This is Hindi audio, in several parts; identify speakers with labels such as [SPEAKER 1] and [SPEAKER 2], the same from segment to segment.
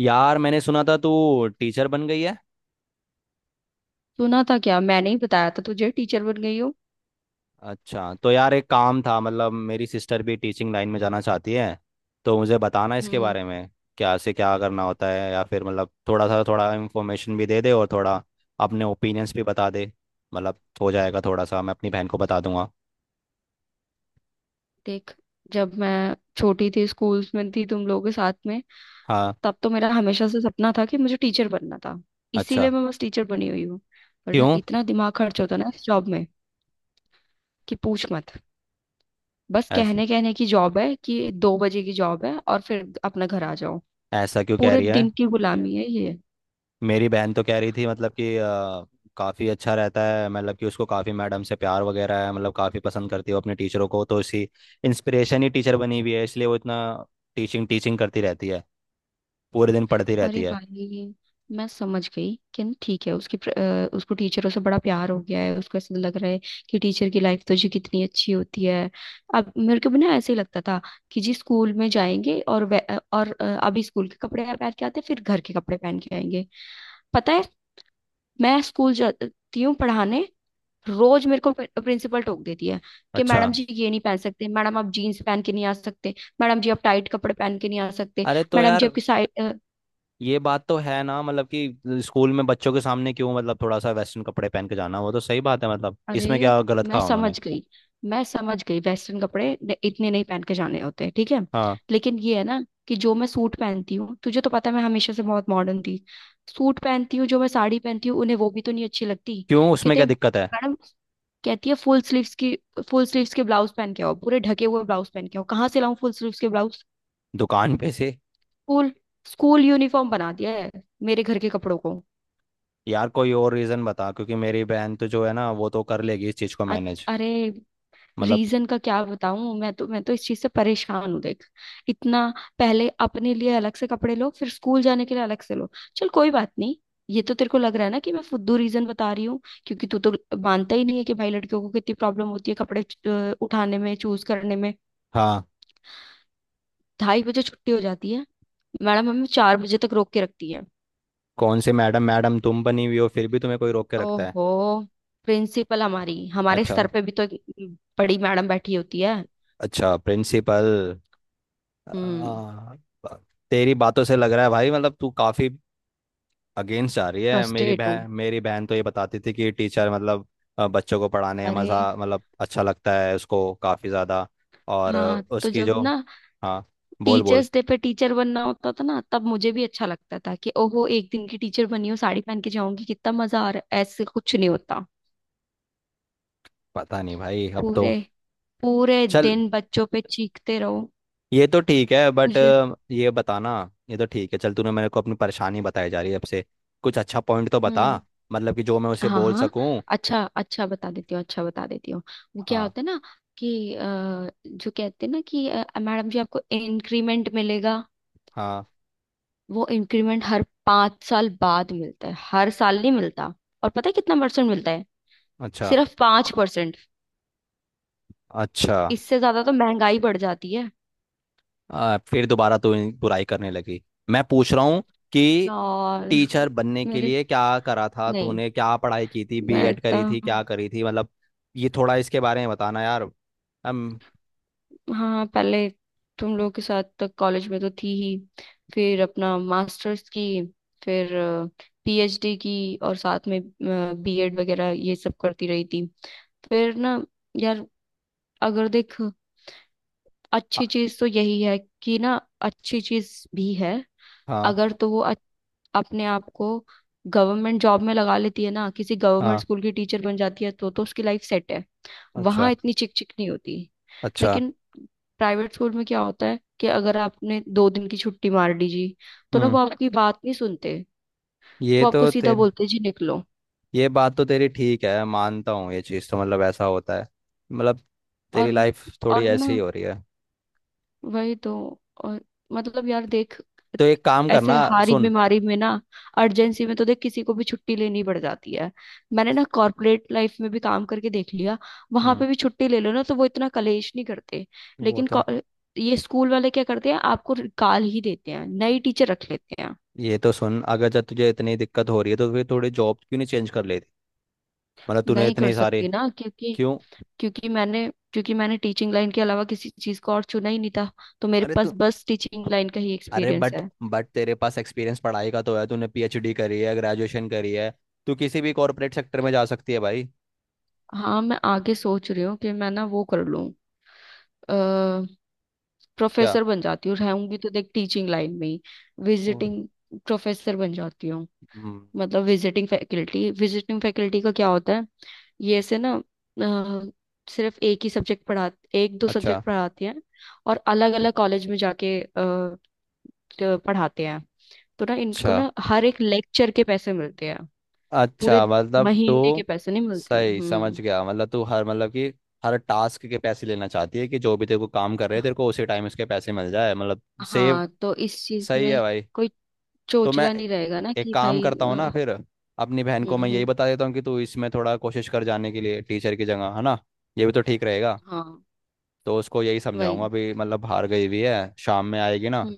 [SPEAKER 1] यार मैंने सुना था तू टीचर बन गई है।
[SPEAKER 2] सुना था क्या? मैंने ही बताया था तुझे टीचर बन गई हो।
[SPEAKER 1] अच्छा तो यार एक काम था, मेरी सिस्टर भी टीचिंग लाइन में जाना चाहती है, तो मुझे बताना इसके
[SPEAKER 2] हम्म।
[SPEAKER 1] बारे में। क्या से क्या करना होता है, या फिर थोड़ा सा थोड़ा इन्फॉर्मेशन भी दे दे, और थोड़ा अपने ओपिनियंस भी बता दे। हो जाएगा थोड़ा सा, मैं अपनी बहन को बता दूंगा।
[SPEAKER 2] देख, जब मैं छोटी थी स्कूल्स में थी तुम लोगों के साथ में
[SPEAKER 1] हाँ।
[SPEAKER 2] तब तो मेरा हमेशा से सपना था कि मुझे टीचर बनना था।
[SPEAKER 1] अच्छा।
[SPEAKER 2] इसीलिए मैं बस टीचर बनी हुई हूँ। वरना
[SPEAKER 1] क्यों?
[SPEAKER 2] इतना दिमाग खर्च होता ना इस जॉब में कि पूछ मत। बस
[SPEAKER 1] ऐस,
[SPEAKER 2] कहने कहने की जॉब है कि 2 बजे की जॉब है और फिर अपना घर आ जाओ।
[SPEAKER 1] ऐसा क्यों कह
[SPEAKER 2] पूरे
[SPEAKER 1] रही है?
[SPEAKER 2] दिन की गुलामी है ये।
[SPEAKER 1] मेरी बहन तो कह रही थी काफ़ी अच्छा रहता है, मतलब कि उसको काफ़ी मैडम से प्यार वगैरह है, काफ़ी पसंद करती है वो अपने टीचरों को, तो इसी इंस्पिरेशन ही टीचर बनी हुई है, इसलिए वो इतना टीचिंग टीचिंग करती रहती है, पूरे दिन पढ़ती रहती
[SPEAKER 2] अरे
[SPEAKER 1] है।
[SPEAKER 2] भाई, मैं समझ गई कि न ठीक है उसकी उसको टीचरों से बड़ा प्यार हो गया है, उसको ऐसा लग रहा है कि टीचर की लाइफ तो जी कितनी अच्छी होती है। अब मेरे को भी ना ऐसे ही लगता था कि जी स्कूल में जाएंगे और और अभी स्कूल के कपड़े पहन के आते फिर घर के कपड़े पहन के आएंगे। पता है, मैं स्कूल जाती हूँ पढ़ाने। रोज मेरे को प्रिंसिपल टोक देती है कि
[SPEAKER 1] अच्छा।
[SPEAKER 2] मैडम जी ये नहीं पहन सकते, मैडम आप जीन्स पहन के नहीं आ सकते, मैडम जी आप टाइट कपड़े पहन के नहीं आ सकते,
[SPEAKER 1] अरे तो
[SPEAKER 2] मैडम जी
[SPEAKER 1] यार
[SPEAKER 2] आपकी।
[SPEAKER 1] ये बात तो है ना, मतलब कि स्कूल में बच्चों के सामने क्यों, थोड़ा सा वेस्टर्न कपड़े पहन के जाना, वो तो सही बात है, इसमें
[SPEAKER 2] अरे
[SPEAKER 1] क्या गलत
[SPEAKER 2] मैं
[SPEAKER 1] कहा उन्होंने।
[SPEAKER 2] समझ गई, मैं समझ गई वेस्टर्न कपड़े इतने नहीं पहन के जाने होते, ठीक है।
[SPEAKER 1] हाँ।
[SPEAKER 2] लेकिन ये है ना कि जो मैं सूट पहनती हूँ, तुझे तो पता है मैं हमेशा से बहुत मॉडर्न थी। सूट पहनती हूँ जो मैं, साड़ी पहनती हूँ उन्हें, वो भी तो नहीं अच्छी लगती।
[SPEAKER 1] क्यों, उसमें
[SPEAKER 2] कहते
[SPEAKER 1] क्या दिक्कत है?
[SPEAKER 2] मैडम, कहती है फुल स्लीव्स की, फुल स्लीव्स के ब्लाउज पहन के आओ, पूरे ढके हुए ब्लाउज पहन के आओ। कहाँ से लाऊं फुल स्लीव्स के ब्लाउज?
[SPEAKER 1] दुकान पे से।
[SPEAKER 2] स्कूल स्कूल यूनिफॉर्म बना दिया है मेरे घर के कपड़ों को।
[SPEAKER 1] यार कोई और रीज़न बता, क्योंकि मेरी बहन तो जो है ना, वो तो कर लेगी इस चीज़ को
[SPEAKER 2] अ-
[SPEAKER 1] मैनेज।
[SPEAKER 2] अरे,
[SPEAKER 1] मतलब।
[SPEAKER 2] रीजन का क्या बताऊं, मैं तो इस चीज से परेशान हूँ, देख। इतना पहले अपने लिए अलग से कपड़े लो, फिर स्कूल जाने के लिए अलग से लो। चल कोई बात नहीं। ये तो तेरे को लग रहा है ना कि मैं फुद्दू रीजन बता रही हूँ, क्योंकि तू तो मानता ही नहीं है कि भाई लड़कियों को कितनी प्रॉब्लम होती है कपड़े उठाने में, चूज करने में।
[SPEAKER 1] हाँ।
[SPEAKER 2] 2:30 बजे छुट्टी हो जाती है, मैडम हमें 4 बजे तक रोक के रखती है।
[SPEAKER 1] कौन से मैडम? मैडम तुम बनी हुई हो, फिर भी तुम्हें कोई रोक के रखता है?
[SPEAKER 2] ओहो, प्रिंसिपल हमारी, हमारे
[SPEAKER 1] अच्छा।
[SPEAKER 2] सर पे भी तो एक बड़ी मैडम बैठी होती है।
[SPEAKER 1] अच्छा, प्रिंसिपल।
[SPEAKER 2] हम्म।
[SPEAKER 1] आ, ब- तेरी बातों से लग रहा है भाई तू काफी अगेंस्ट जा रही है। मेरी
[SPEAKER 2] फ्रस्ट्रेट हूँ।
[SPEAKER 1] बहन, मेरी बहन तो ये बताती थी कि बच्चों को पढ़ाने में
[SPEAKER 2] अरे।
[SPEAKER 1] मजा अच्छा लगता है उसको काफी ज्यादा। और
[SPEAKER 2] हाँ, तो
[SPEAKER 1] उसकी
[SPEAKER 2] जब
[SPEAKER 1] जो।
[SPEAKER 2] ना
[SPEAKER 1] हाँ, बोल बोल।
[SPEAKER 2] टीचर्स डे पे टीचर बनना होता था ना, तब मुझे भी अच्छा लगता था कि ओहो एक दिन की टीचर बनी हूँ, साड़ी पहन के जाऊंगी, कितना मजा आ रहा है, ऐसे कुछ नहीं होता।
[SPEAKER 1] पता नहीं भाई अब तो।
[SPEAKER 2] पूरे पूरे
[SPEAKER 1] चल,
[SPEAKER 2] दिन बच्चों पे चीखते रहो।
[SPEAKER 1] ये तो ठीक है, बट
[SPEAKER 2] मुझे।
[SPEAKER 1] ये बताना। ये तो ठीक है, चल, तूने मेरे को अपनी परेशानी बताई जा रही है, अब से कुछ अच्छा पॉइंट तो बता,
[SPEAKER 2] हम्म।
[SPEAKER 1] मतलब कि जो मैं उसे
[SPEAKER 2] हाँ
[SPEAKER 1] बोल
[SPEAKER 2] हाँ,
[SPEAKER 1] सकूं।
[SPEAKER 2] अच्छा अच्छा बता देती हूँ, अच्छा बता देती हूँ। वो क्या
[SPEAKER 1] हाँ
[SPEAKER 2] होता है ना कि जो कहते हैं ना कि मैडम जी आपको इंक्रीमेंट मिलेगा,
[SPEAKER 1] हाँ।
[SPEAKER 2] वो इंक्रीमेंट हर 5 साल बाद मिलता है, हर साल नहीं मिलता। और पता है कितना परसेंट मिलता है?
[SPEAKER 1] अच्छा
[SPEAKER 2] सिर्फ 5%।
[SPEAKER 1] अच्छा।
[SPEAKER 2] इससे ज्यादा तो महंगाई बढ़ जाती है।
[SPEAKER 1] फिर दोबारा तू बुराई करने लगी। मैं पूछ रहा हूँ कि
[SPEAKER 2] यार
[SPEAKER 1] टीचर बनने के
[SPEAKER 2] मेरे।
[SPEAKER 1] लिए क्या करा था
[SPEAKER 2] नहीं,
[SPEAKER 1] तूने, क्या पढ़ाई की थी?
[SPEAKER 2] मैं
[SPEAKER 1] बीएड
[SPEAKER 2] इतना।
[SPEAKER 1] करी थी, क्या करी थी? मतलब ये थोड़ा इसके बारे में बताना यार। हम।
[SPEAKER 2] हाँ, पहले तुम लोग के साथ तक कॉलेज में तो थी ही, फिर अपना मास्टर्स की, फिर पीएचडी की, और साथ में बीएड वगैरह ये सब करती रही थी। फिर ना यार, अगर देख, अच्छी चीज तो यही है कि ना, अच्छी चीज भी है।
[SPEAKER 1] हाँ
[SPEAKER 2] अगर तो वो अपने आप को गवर्नमेंट जॉब में लगा लेती है ना, किसी गवर्नमेंट
[SPEAKER 1] हाँ।
[SPEAKER 2] स्कूल की टीचर बन जाती है, तो उसकी लाइफ सेट है।
[SPEAKER 1] अच्छा
[SPEAKER 2] वहां इतनी चिक चिक नहीं होती।
[SPEAKER 1] अच्छा।
[SPEAKER 2] लेकिन प्राइवेट स्कूल में क्या होता है कि अगर आपने 2 दिन की छुट्टी मार दी जी, तो ना वो
[SPEAKER 1] हम्म।
[SPEAKER 2] आपकी बात नहीं सुनते,
[SPEAKER 1] ये
[SPEAKER 2] वो आपको
[SPEAKER 1] तो
[SPEAKER 2] सीधा
[SPEAKER 1] तेरे,
[SPEAKER 2] बोलते हैं, जी निकलो।
[SPEAKER 1] ये बात तो तेरी ठीक है, मानता हूँ, ये चीज़ तो ऐसा होता है। मतलब तेरी
[SPEAKER 2] और
[SPEAKER 1] लाइफ थोड़ी
[SPEAKER 2] और ना
[SPEAKER 1] ऐसी ही हो रही है।
[SPEAKER 2] वही तो, और, मतलब यार देख,
[SPEAKER 1] तो एक काम
[SPEAKER 2] ऐसे
[SPEAKER 1] करना,
[SPEAKER 2] हारी
[SPEAKER 1] सुन।
[SPEAKER 2] बीमारी में ना, अर्जेंसी में तो देख किसी को भी छुट्टी लेनी पड़ जाती है। मैंने ना कॉर्पोरेट लाइफ में भी काम करके देख लिया, वहां
[SPEAKER 1] हम्म।
[SPEAKER 2] पे भी छुट्टी ले लो ना, तो वो इतना कलेश नहीं करते।
[SPEAKER 1] वो
[SPEAKER 2] लेकिन
[SPEAKER 1] तो,
[SPEAKER 2] ये स्कूल वाले क्या करते हैं, आपको गाल ही देते हैं, नई टीचर रख लेते हैं।
[SPEAKER 1] ये तो सुन, अगर जब तुझे इतनी दिक्कत हो रही है, तो फिर थोड़ी जॉब क्यों नहीं चेंज कर लेती? मतलब तूने
[SPEAKER 2] नहीं कर
[SPEAKER 1] इतनी सारे।
[SPEAKER 2] सकती ना क्योंकि
[SPEAKER 1] क्यों?
[SPEAKER 2] क्योंकि मैंने टीचिंग लाइन के अलावा किसी चीज को और चुना ही नहीं था, तो मेरे
[SPEAKER 1] अरे
[SPEAKER 2] पास
[SPEAKER 1] तू,
[SPEAKER 2] बस टीचिंग लाइन का ही
[SPEAKER 1] अरे
[SPEAKER 2] एक्सपीरियंस
[SPEAKER 1] बट
[SPEAKER 2] है।
[SPEAKER 1] बट तेरे पास एक्सपीरियंस पढ़ाई का तो है, तूने पीएचडी करी है, ग्रेजुएशन करी है, तू किसी भी कॉर्पोरेट सेक्टर में जा सकती है भाई।
[SPEAKER 2] हाँ, मैं आगे सोच रही हूँ कि मैं ना वो कर लूँ,
[SPEAKER 1] क्या?
[SPEAKER 2] प्रोफेसर बन जाती हूँ, रहूंगी तो देख टीचिंग लाइन में ही।
[SPEAKER 1] ओ।
[SPEAKER 2] विजिटिंग प्रोफेसर बन जाती हूँ।
[SPEAKER 1] हम्म।
[SPEAKER 2] मतलब विजिटिंग फैकल्टी, विजिटिंग फैकल्टी का क्या होता है? ये ऐसे ना, अ, सिर्फ एक ही सब्जेक्ट पढ़ा, एक दो
[SPEAKER 1] अच्छा।
[SPEAKER 2] सब्जेक्ट पढ़ाते हैं और अलग अलग कॉलेज में जाके पढ़ाते हैं। तो ना इनको
[SPEAKER 1] अच्छा।
[SPEAKER 2] ना हर एक लेक्चर के पैसे मिलते हैं, पूरे
[SPEAKER 1] अच्छा मतलब तू
[SPEAKER 2] महीने के पैसे नहीं मिलते हैं।
[SPEAKER 1] सही
[SPEAKER 2] हम्म।
[SPEAKER 1] समझ गया, मतलब तू हर मतलब कि हर टास्क के पैसे लेना चाहती है, कि जो भी तेरे को काम कर रहे हैं तेरे को उसी टाइम उसके पैसे मिल जाए, मतलब सेव।
[SPEAKER 2] हाँ, तो इस चीज
[SPEAKER 1] सही है
[SPEAKER 2] में
[SPEAKER 1] भाई।
[SPEAKER 2] कोई
[SPEAKER 1] तो मैं
[SPEAKER 2] चोचला नहीं रहेगा ना
[SPEAKER 1] एक
[SPEAKER 2] कि
[SPEAKER 1] काम करता हूँ ना फिर, अपनी बहन को मैं यही
[SPEAKER 2] हम्म।
[SPEAKER 1] बता देता हूँ कि तू इसमें थोड़ा कोशिश कर, जाने के लिए टीचर की जगह है ना, ये भी तो ठीक रहेगा।
[SPEAKER 2] हाँ।
[SPEAKER 1] तो उसको यही समझाऊंगा,
[SPEAKER 2] वही।
[SPEAKER 1] अभी मतलब बाहर गई हुई है, शाम में आएगी ना,
[SPEAKER 2] हम्म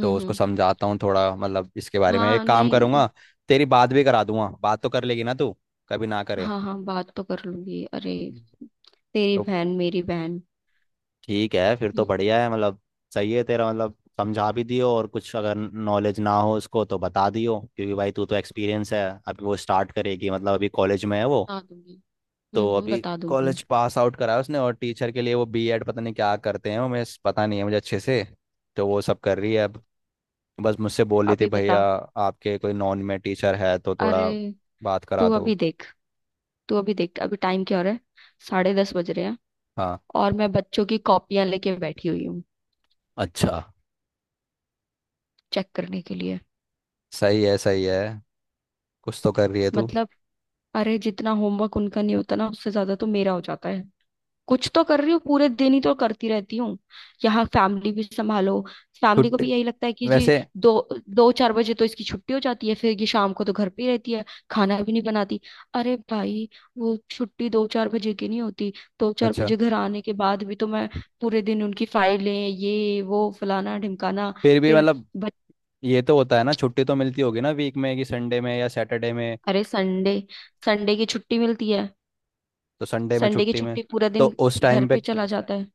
[SPEAKER 1] तो उसको
[SPEAKER 2] हम्म।
[SPEAKER 1] समझाता हूँ थोड़ा, मतलब इसके बारे में
[SPEAKER 2] हाँ
[SPEAKER 1] एक काम
[SPEAKER 2] नहीं,
[SPEAKER 1] करूंगा। तेरी बात भी करा दूंगा, बात तो कर लेगी ना तू? कभी ना करे।
[SPEAKER 2] हाँ हाँ बात तो कर लूंगी, अरे तेरी
[SPEAKER 1] तो
[SPEAKER 2] बहन मेरी बहन।
[SPEAKER 1] ठीक है फिर, तो
[SPEAKER 2] हम्म,
[SPEAKER 1] बढ़िया है मतलब। सही है, तेरा मतलब समझा भी दियो, और कुछ अगर नॉलेज ना हो उसको तो बता दियो, क्योंकि भाई तू तो एक्सपीरियंस है। अभी वो स्टार्ट करेगी, मतलब अभी कॉलेज में है वो,
[SPEAKER 2] बता दूंगी,
[SPEAKER 1] तो अभी
[SPEAKER 2] बता दूंगी।
[SPEAKER 1] कॉलेज पास आउट करा है उसने, और टीचर के लिए वो बीएड पता नहीं क्या करते हैं वो, मैं पता नहीं है मुझे अच्छे से। तो वो सब कर रही है अब, बस मुझसे बोल रही थी,
[SPEAKER 2] अभी
[SPEAKER 1] भैया
[SPEAKER 2] बता,
[SPEAKER 1] आपके कोई नॉन में टीचर है तो
[SPEAKER 2] अरे
[SPEAKER 1] थोड़ा बात करा
[SPEAKER 2] तू अभी
[SPEAKER 1] दो।
[SPEAKER 2] देख, तू अभी देख अभी टाइम क्या हो रहा है, 10:30 बज रहे हैं
[SPEAKER 1] हाँ।
[SPEAKER 2] और मैं बच्चों की कॉपियां लेके बैठी हुई हूँ
[SPEAKER 1] अच्छा।
[SPEAKER 2] चेक करने के लिए।
[SPEAKER 1] सही है, सही है, कुछ तो कर रही है तू।
[SPEAKER 2] मतलब, अरे जितना होमवर्क उनका नहीं होता ना उससे ज्यादा तो मेरा हो जाता है, कुछ तो कर रही हूँ, पूरे दिन ही तो करती रहती हूँ। यहाँ फैमिली भी संभालो, फैमिली को
[SPEAKER 1] छुट्टी
[SPEAKER 2] भी यही लगता है कि जी
[SPEAKER 1] वैसे।
[SPEAKER 2] दो दो चार बजे तो इसकी छुट्टी हो जाती है, फिर ये शाम को तो घर पे ही रहती है, खाना भी नहीं बनाती। अरे भाई, वो छुट्टी दो चार बजे की नहीं होती, दो चार
[SPEAKER 1] अच्छा।
[SPEAKER 2] बजे घर आने के बाद भी तो मैं पूरे दिन उनकी फाइलें, ये वो, फलाना ढिमकाना।
[SPEAKER 1] फिर भी
[SPEAKER 2] फिर
[SPEAKER 1] मतलब
[SPEAKER 2] बच-
[SPEAKER 1] ये तो होता है ना, छुट्टी तो मिलती होगी ना वीक में, कि संडे में या सैटरडे में?
[SPEAKER 2] अरे संडे, संडे की छुट्टी मिलती है,
[SPEAKER 1] तो संडे में
[SPEAKER 2] संडे की
[SPEAKER 1] छुट्टी में,
[SPEAKER 2] छुट्टी पूरा
[SPEAKER 1] तो
[SPEAKER 2] दिन
[SPEAKER 1] उस
[SPEAKER 2] घर
[SPEAKER 1] टाइम पे
[SPEAKER 2] पे चला जाता है।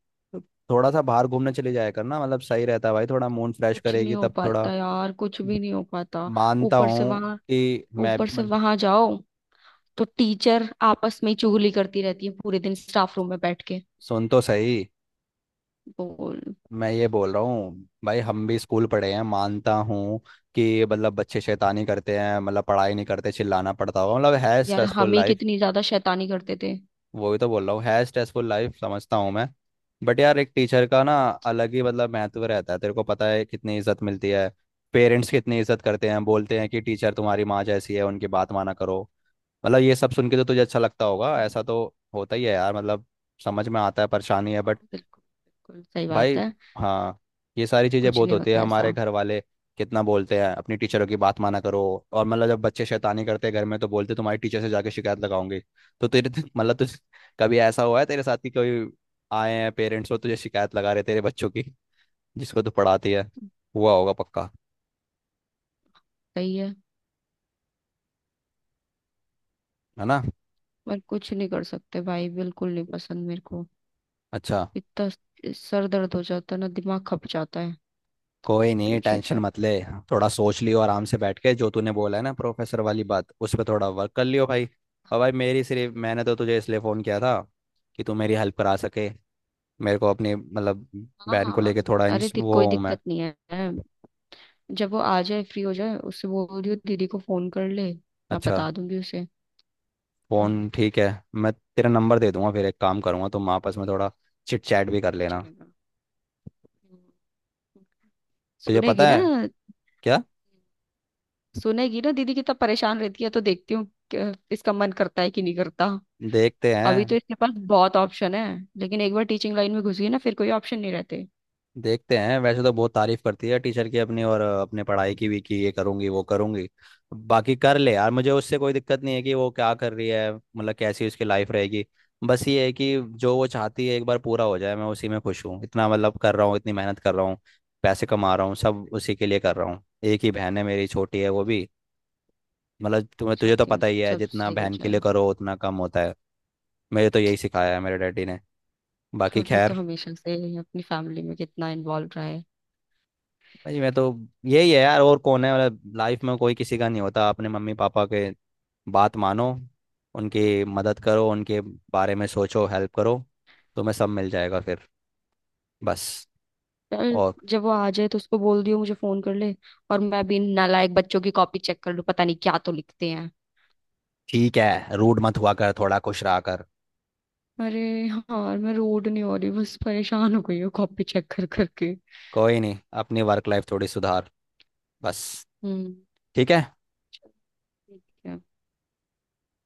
[SPEAKER 1] थोड़ा सा बाहर घूमने चले जाया कर ना, मतलब सही रहता है भाई, थोड़ा मूड फ्रेश
[SPEAKER 2] कुछ
[SPEAKER 1] करेगी
[SPEAKER 2] नहीं हो
[SPEAKER 1] तब थोड़ा।
[SPEAKER 2] पाता यार, कुछ भी नहीं हो पाता।
[SPEAKER 1] मानता
[SPEAKER 2] ऊपर से
[SPEAKER 1] हूँ
[SPEAKER 2] वहां
[SPEAKER 1] कि मैं
[SPEAKER 2] ऊपर से
[SPEAKER 1] मतलब,
[SPEAKER 2] वहां जाओ तो टीचर आपस में ही चुगली करती रहती है पूरे दिन स्टाफ रूम में बैठ के।
[SPEAKER 1] सुन तो सही,
[SPEAKER 2] बोल।
[SPEAKER 1] मैं ये बोल रहा हूँ भाई, हम भी स्कूल पढ़े हैं, मानता हूँ कि बच्चे शैतानी करते हैं, पढ़ाई नहीं करते, चिल्लाना पड़ता होगा, मतलब है
[SPEAKER 2] यार
[SPEAKER 1] स्ट्रेसफुल
[SPEAKER 2] हम ही
[SPEAKER 1] लाइफ।
[SPEAKER 2] कितनी ज्यादा शैतानी करते थे।
[SPEAKER 1] वही तो बोल रहा हूँ, है स्ट्रेसफुल लाइफ, समझता हूँ मैं, बट यार एक टीचर का ना अलग ही मतलब महत्व रहता है, तेरे को पता है कितनी इज्जत मिलती है, पेरेंट्स कितनी इज्जत करते हैं, बोलते हैं कि टीचर तुम्हारी माँ जैसी है, उनकी बात माना करो। मतलब ये सब सुन के तो तुझे अच्छा लगता होगा, ऐसा तो होता ही है यार, मतलब समझ में आता है परेशानी है
[SPEAKER 2] हाँ,
[SPEAKER 1] बट।
[SPEAKER 2] बिल्कुल बिल्कुल सही
[SPEAKER 1] भाई।
[SPEAKER 2] बात है।
[SPEAKER 1] हाँ। ये सारी चीज़ें
[SPEAKER 2] कुछ
[SPEAKER 1] बहुत
[SPEAKER 2] नहीं
[SPEAKER 1] होती है,
[SPEAKER 2] होता
[SPEAKER 1] हमारे
[SPEAKER 2] ऐसा।
[SPEAKER 1] घर वाले कितना बोलते हैं अपनी टीचरों की बात माना करो, और मतलब जब बच्चे शैतानी करते हैं घर में, तो बोलते तुम्हारी टीचर से जाके शिकायत लगाऊंगी। तो तेरे मतलब तुझ कभी ऐसा हुआ है तेरे साथ कि कोई आए हैं पेरेंट्स और तुझे शिकायत लगा रहे तेरे बच्चों की, जिसको तू पढ़ाती है? हुआ होगा पक्का,
[SPEAKER 2] सही है।
[SPEAKER 1] है ना?
[SPEAKER 2] पर कुछ नहीं कर सकते भाई, बिल्कुल नहीं पसंद मेरे को।
[SPEAKER 1] अच्छा।
[SPEAKER 2] इतना सर दर्द हो जाता है ना, दिमाग खप जाता है।
[SPEAKER 1] कोई नहीं,
[SPEAKER 2] तुझे
[SPEAKER 1] टेंशन
[SPEAKER 2] क्या।
[SPEAKER 1] मत ले, थोड़ा सोच लियो आराम से बैठ के, जो तूने बोला है ना प्रोफेसर वाली बात, उस पर थोड़ा वर्क कर लियो भाई। और भाई मेरी सिर्फ, मैंने तो तुझे इसलिए फ़ोन किया था कि तू मेरी हेल्प करा सके, मेरे को अपनी मतलब
[SPEAKER 2] हाँ
[SPEAKER 1] बहन को
[SPEAKER 2] हाँ,
[SPEAKER 1] लेके थोड़ा
[SPEAKER 2] अरे
[SPEAKER 1] वो
[SPEAKER 2] कोई
[SPEAKER 1] हूँ मैं।
[SPEAKER 2] दिक्कत नहीं है। जब वो आ जाए, फ्री हो जाए, उससे बोल दियो दीदी को फोन कर ले, मैं
[SPEAKER 1] अच्छा।
[SPEAKER 2] बता दूंगी उसे। हम्म।
[SPEAKER 1] फ़ोन ठीक है, मैं तेरा नंबर दे दूंगा, फिर एक काम करूंगा, तुम आपस में थोड़ा चिट चैट भी कर
[SPEAKER 2] चलेगा
[SPEAKER 1] लेना।
[SPEAKER 2] चलेगा। हम्म,
[SPEAKER 1] तुझे
[SPEAKER 2] सुनेगी
[SPEAKER 1] पता
[SPEAKER 2] ना,
[SPEAKER 1] है क्या?
[SPEAKER 2] सुनेगी ना दीदी कितना परेशान रहती है, तो देखती हूँ इसका मन करता है कि नहीं करता।
[SPEAKER 1] देखते
[SPEAKER 2] अभी तो
[SPEAKER 1] हैं।
[SPEAKER 2] इसके पास बहुत ऑप्शन है, लेकिन एक बार टीचिंग लाइन में घुस गई ना फिर कोई ऑप्शन नहीं रहते।
[SPEAKER 1] देखते हैं, वैसे तो बहुत तारीफ करती है टीचर की अपनी, और अपने पढ़ाई की भी, कि ये करूंगी वो करूंगी। बाकी कर ले यार, मुझे उससे कोई दिक्कत नहीं है कि वो क्या कर रही है, मतलब कैसी उसकी लाइफ रहेगी, बस ये है कि जो वो चाहती है एक बार पूरा हो जाए, मैं उसी में खुश हूँ, इतना मतलब कर रहा हूँ, इतनी मेहनत कर रहा हूँ, पैसे कमा रहा हूँ, सब उसी के लिए कर रहा हूँ, एक ही बहन है मेरी, छोटी है वो भी, मतलब तुम्हें तुझे तो
[SPEAKER 2] चाहती हूँ
[SPEAKER 1] पता ही है,
[SPEAKER 2] सब
[SPEAKER 1] जितना
[SPEAKER 2] सही हो
[SPEAKER 1] बहन के
[SPEAKER 2] जाए।
[SPEAKER 1] लिए करो उतना कम होता है। मेरे तो यही सिखाया है मेरे डैडी ने, बाकी
[SPEAKER 2] और तू तो
[SPEAKER 1] खैर।
[SPEAKER 2] हमेशा से अपनी फैमिली में कितना इन्वॉल्व रहा है।
[SPEAKER 1] भाई मैं तो, यही है यार, और कौन है, मतलब लाइफ में कोई किसी का नहीं होता, अपने मम्मी पापा के बात मानो, उनकी मदद करो, उनके बारे में सोचो, हेल्प करो, तुम्हें सब मिल जाएगा फिर, बस।
[SPEAKER 2] चल,
[SPEAKER 1] और।
[SPEAKER 2] जब वो आ जाए तो उसको बोल दियो मुझे फोन कर ले, और मैं भी इन नालायक बच्चों की कॉपी चेक कर लूं, पता नहीं क्या तो लिखते हैं।
[SPEAKER 1] ठीक है, रूड मत हुआ कर, थोड़ा खुश रहा कर।
[SPEAKER 2] अरे यार मैं रोड नहीं हो रही, बस परेशान हो गई हूँ कॉपी चेक कर करके।
[SPEAKER 1] कोई नहीं, अपनी वर्क लाइफ थोड़ी सुधार, बस।
[SPEAKER 2] हम्म।
[SPEAKER 1] ठीक है।
[SPEAKER 2] चल, ठीक है।